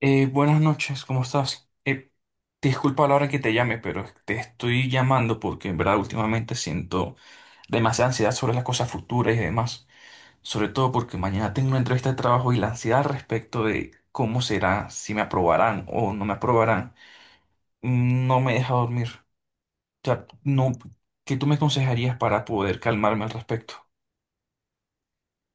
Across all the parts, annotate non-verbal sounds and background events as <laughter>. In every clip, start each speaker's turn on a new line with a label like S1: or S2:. S1: Buenas noches, ¿cómo estás? Disculpa la hora que te llame, pero te estoy llamando porque en verdad últimamente siento demasiada ansiedad sobre las cosas futuras y demás. Sobre todo porque mañana tengo una entrevista de trabajo y la ansiedad respecto de cómo será, si me aprobarán o no me aprobarán, no me deja dormir. O sea, no, ¿qué tú me aconsejarías para poder calmarme al respecto?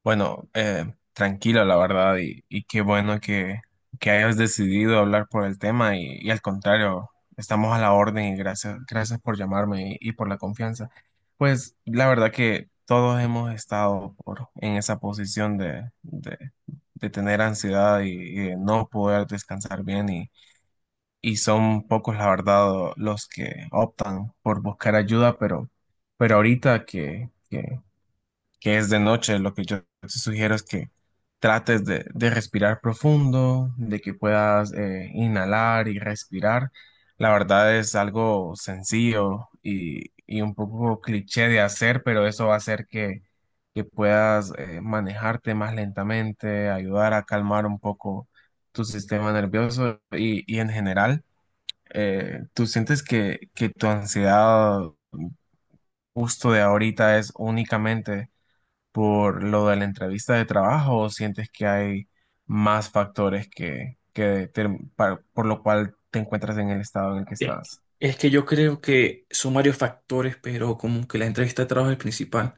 S2: Bueno, tranquilo, la verdad, y qué bueno que hayas decidido hablar por el tema y al contrario, estamos a la orden y gracias, gracias por llamarme y por la confianza. Pues la verdad que todos hemos estado en esa posición de tener ansiedad y de no poder descansar bien y son pocos, la verdad, los que optan por buscar ayuda, pero ahorita que es de noche, lo que yo te sugiero es que trates de respirar profundo, de que puedas inhalar y respirar. La verdad es algo sencillo y un poco cliché de hacer, pero eso va a hacer que puedas manejarte más lentamente, ayudar a calmar un poco tu sistema nervioso y en general, ¿tú sientes que tu ansiedad justo de ahorita es únicamente por lo de la entrevista de trabajo o sientes que hay más factores que por lo cual te encuentras en el estado en el que
S1: Es
S2: estás?
S1: es que yo creo que son varios factores, pero como que la entrevista de trabajo es el principal.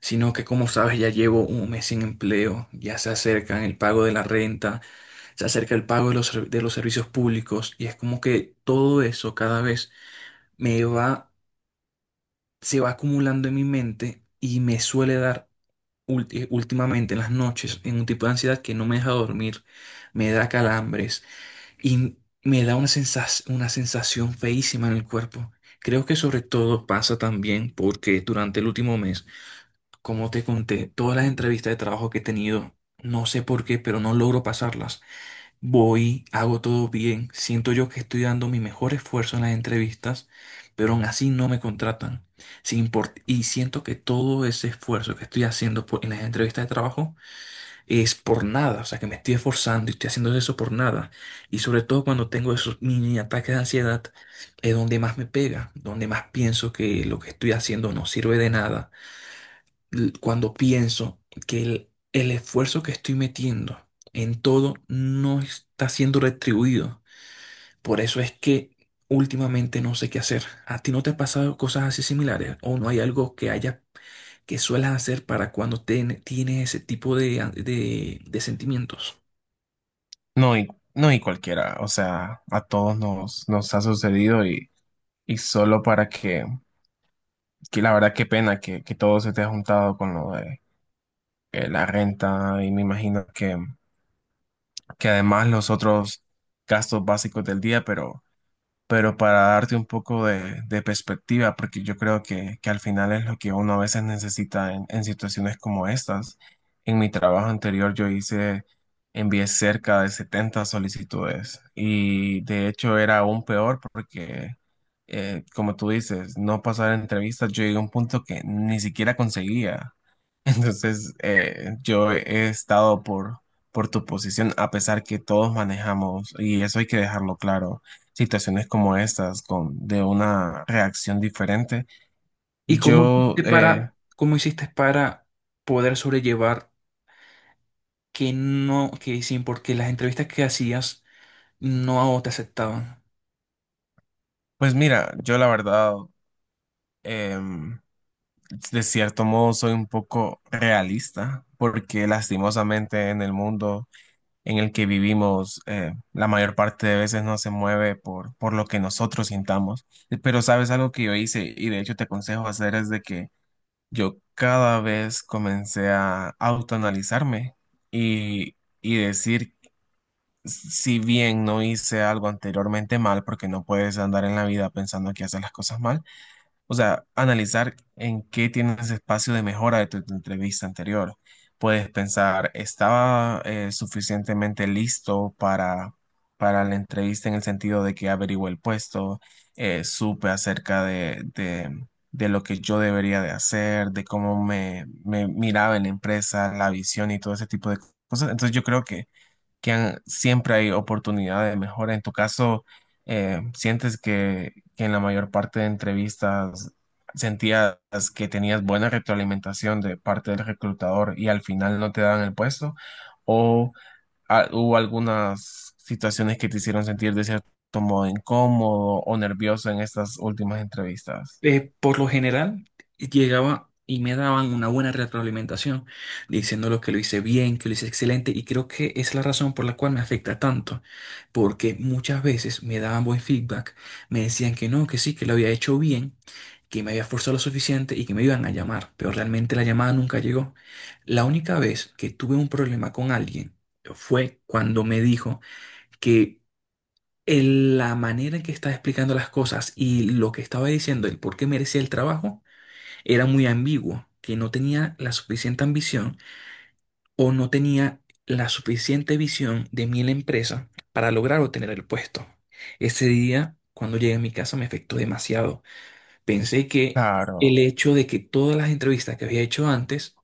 S1: Sino que como sabes ya llevo un mes sin empleo, ya se acercan el pago de la renta, se acerca el pago de los, de los servicios públicos y es como que todo eso cada vez me va, se va acumulando en mi mente y me suele dar últimamente en las noches en un tipo de ansiedad que no me deja dormir, me da calambres y me da una una sensación feísima en el cuerpo. Creo que sobre todo pasa también porque durante el último mes, como te conté, todas las entrevistas de trabajo que he tenido, no sé por qué, pero no logro pasarlas. Voy, hago todo bien, siento yo que estoy dando mi mejor esfuerzo en las entrevistas, pero aún así no me contratan. Sin import- y siento que todo ese esfuerzo que estoy haciendo en las entrevistas de trabajo es por nada, o sea, que me estoy esforzando y estoy haciendo eso por nada. Y sobre todo cuando tengo esos mini ataques de ansiedad, es donde más me pega, donde más pienso que lo que estoy haciendo no sirve de nada, cuando pienso que el esfuerzo que estoy metiendo en todo no está siendo retribuido. Por eso es que últimamente no sé qué hacer. ¿A ti no te ha pasado cosas así similares? ¿O no hay algo que haya que suelas hacer para cuando tienes ese tipo de, de sentimientos?
S2: No, y, no, y cualquiera, o sea, a todos nos ha sucedido y solo para que la verdad qué pena que todo se te ha juntado con lo de la renta y me imagino que además los otros gastos básicos del día, pero para darte un poco de perspectiva, porque yo creo que al final es lo que uno a veces necesita en situaciones como estas. En mi trabajo anterior yo envié cerca de 70 solicitudes y de hecho era aún peor porque, como tú dices, no pasar entrevistas, yo llegué a un punto que ni siquiera conseguía. Entonces, yo he estado por tu posición, a pesar que todos manejamos, y eso hay que dejarlo claro, situaciones como estas, de una reacción diferente.
S1: ¿Y
S2: Yo, eh,
S1: cómo hiciste para poder sobrellevar que no, que sin porque las entrevistas que hacías no te aceptaban?
S2: pues mira, yo la verdad, em, de cierto modo soy un poco realista, porque lastimosamente en el mundo en el que vivimos la mayor parte de veces no se mueve por lo que nosotros sintamos. Pero sabes algo que yo hice y de hecho te aconsejo hacer es de que yo cada vez comencé a autoanalizarme y, y decir, si bien no hice algo anteriormente mal, porque no puedes andar en la vida pensando que haces las cosas mal, o sea, analizar en qué tienes espacio de mejora de tu entrevista anterior. Puedes pensar, ¿estaba suficientemente listo para la entrevista en el sentido de que averigué el puesto, supe acerca de lo que yo debería de hacer, de cómo me miraba en la empresa, la visión y todo ese tipo de cosas? Entonces yo creo que siempre hay oportunidad de mejora. En tu caso, ¿sientes que en la mayor parte de entrevistas sentías que tenías buena retroalimentación de parte del reclutador y al final no te daban el puesto? ¿O hubo algunas situaciones que te hicieron sentir de cierto modo incómodo o nervioso en estas últimas entrevistas?
S1: Eh, por lo general llegaba y me daban una buena retroalimentación, diciéndolo que lo hice bien, que lo hice excelente, y creo que es la razón por la cual me afecta tanto, porque muchas veces me daban buen feedback, me decían que no, que sí, que lo había hecho bien, que me había esforzado lo suficiente y que me iban a llamar, pero realmente la llamada nunca llegó. La única vez que tuve un problema con alguien fue cuando me dijo que la manera en que estaba explicando las cosas y lo que estaba diciendo, el por qué merecía el trabajo, era muy ambiguo, que no tenía la suficiente ambición o no tenía la suficiente visión de mí en la empresa para lograr obtener el puesto. Ese día, cuando llegué a mi casa, me afectó demasiado. Pensé que el
S2: Claro.
S1: hecho de que todas las entrevistas que había hecho antes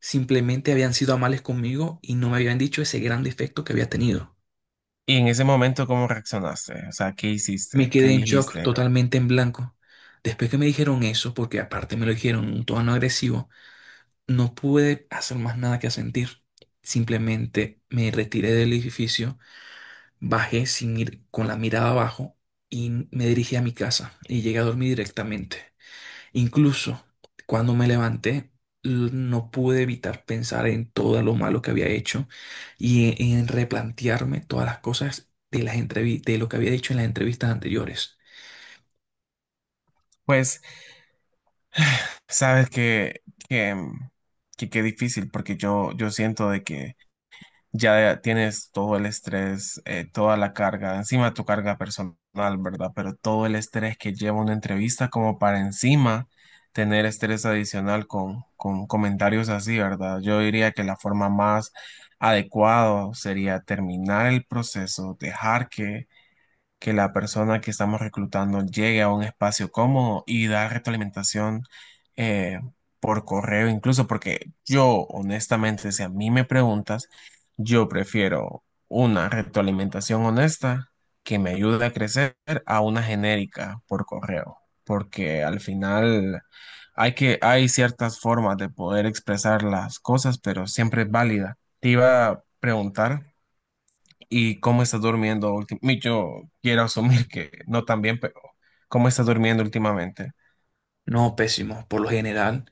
S1: simplemente habían sido amables conmigo y no me habían dicho ese gran defecto que había tenido.
S2: Y en ese momento, ¿cómo reaccionaste? O sea, ¿qué
S1: Me
S2: hiciste? ¿Qué
S1: quedé en shock,
S2: dijiste?
S1: totalmente en blanco. Después que me dijeron eso, porque aparte me lo dijeron en un tono agresivo, no pude hacer más nada que sentir. Simplemente me retiré del edificio, bajé sin ir con la mirada abajo y me dirigí a mi casa y llegué a dormir directamente. Incluso cuando me levanté, no pude evitar pensar en todo lo malo que había hecho y en replantearme todas las cosas de lo que había dicho en las entrevistas anteriores.
S2: Pues sabes que, que qué difícil, porque yo siento de que ya tienes todo el estrés, toda la carga, encima tu carga personal, ¿verdad? Pero todo el estrés que lleva una entrevista como para encima tener estrés adicional con comentarios así, ¿verdad? Yo diría que la forma más adecuada sería terminar el proceso, dejar que la persona que estamos reclutando llegue a un espacio cómodo y dar retroalimentación eh, por correo incluso, porque yo honestamente, si a mí me preguntas, yo prefiero una retroalimentación honesta que me ayude a crecer a una genérica por correo, porque al final hay que, hay ciertas formas de poder expresar las cosas, pero siempre es válida. Te iba a preguntar. ¿Y cómo estás durmiendo últimamente? Yo quiero asumir que no tan bien, pero ¿cómo estás durmiendo últimamente?
S1: No, pésimo. Por lo general,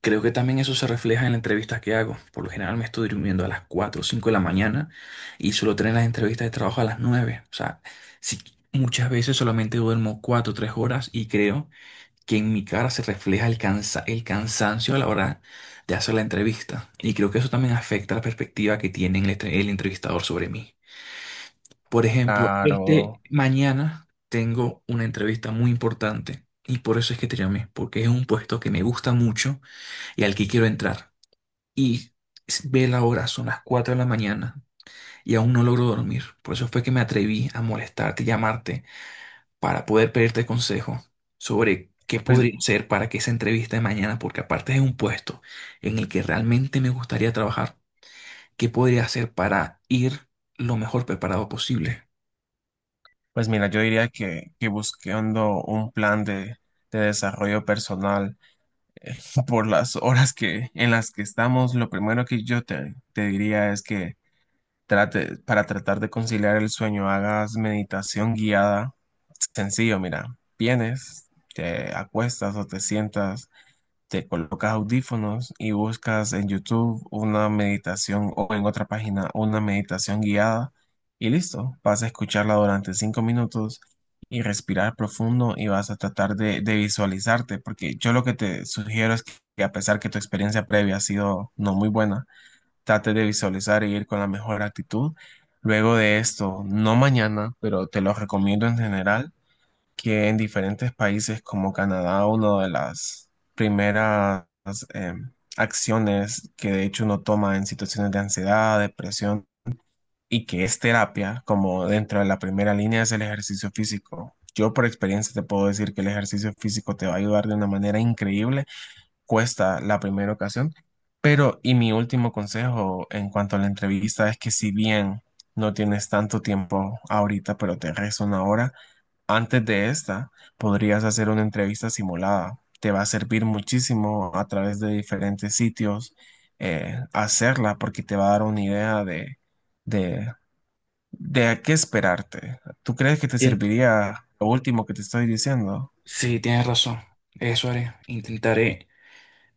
S1: creo que también eso se refleja en las entrevistas que hago. Por lo general me estoy durmiendo a las 4 o 5 de la mañana y suelo tener las entrevistas de trabajo a las 9. O sea, sí, muchas veces solamente duermo 4, o 3 horas y creo que en mi cara se refleja el el cansancio a la hora de hacer la entrevista. Y creo que eso también afecta la perspectiva que tiene el entrevistador sobre mí. Por ejemplo,
S2: Claro.
S1: mañana tengo una entrevista muy importante y por eso es que te llamé, porque es un puesto que me gusta mucho y al que quiero entrar. Y ve la hora, son las 4 de la mañana y aún no logro dormir. Por eso fue que me atreví a molestarte, llamarte, para poder pedirte consejo sobre qué
S2: pues,
S1: podría hacer para que esa entrevista de mañana, porque aparte es un puesto en el que realmente me gustaría trabajar, qué podría hacer para ir lo mejor preparado posible.
S2: pues mira, yo diría que buscando un plan de desarrollo personal <laughs> por las horas en las que estamos, lo primero que yo te diría es que para tratar de conciliar el sueño, hagas meditación guiada. Sencillo, mira, vienes, te acuestas o te sientas, te colocas audífonos y buscas en YouTube una meditación o en otra página una meditación guiada y listo, vas a escucharla durante 5 minutos y respirar profundo y vas a tratar de visualizarte, porque yo lo que te sugiero es que a pesar que tu experiencia previa ha sido no muy buena, trate de visualizar e ir con la mejor actitud. Luego de esto, no mañana, pero te lo recomiendo en general que en diferentes países como Canadá, una de las primeras eh, acciones que de hecho uno toma en situaciones de ansiedad, depresión y que es terapia, como dentro de la primera línea es el ejercicio físico. Yo por experiencia te puedo decir que el ejercicio físico te va a ayudar de una manera increíble, cuesta la primera ocasión, pero y mi último consejo en cuanto a la entrevista es que si bien no tienes tanto tiempo ahorita, pero te resta una hora, antes de esta, podrías hacer una entrevista simulada. Te va a servir muchísimo a través de diferentes sitios hacerla porque te va a dar una idea de, de a qué esperarte. ¿Tú crees que te serviría lo último que te estoy diciendo?
S1: Sí, tienes razón. Eso haré. Intentaré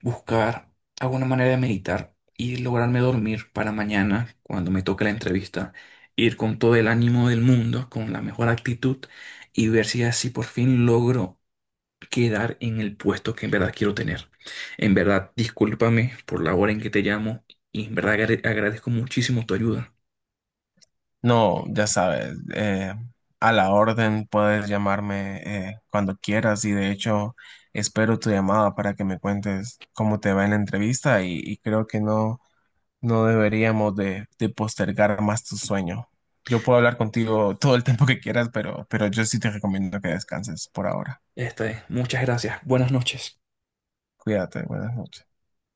S1: buscar alguna manera de meditar y lograrme dormir para mañana, cuando me toque la entrevista, ir con todo el ánimo del mundo, con la mejor actitud y ver si así por fin logro quedar en el puesto que en verdad quiero tener. En verdad, discúlpame por la hora en que te llamo y en verdad agradezco muchísimo tu ayuda.
S2: No, ya sabes, a la orden puedes llamarme cuando quieras y de hecho espero tu llamada para que me cuentes cómo te va en la entrevista y creo que no. No deberíamos de postergar más tu sueño. Yo puedo hablar contigo todo el tiempo que quieras, pero yo sí te recomiendo que descanses por ahora.
S1: Esta es. Muchas gracias. Buenas noches.
S2: Cuídate, buenas noches.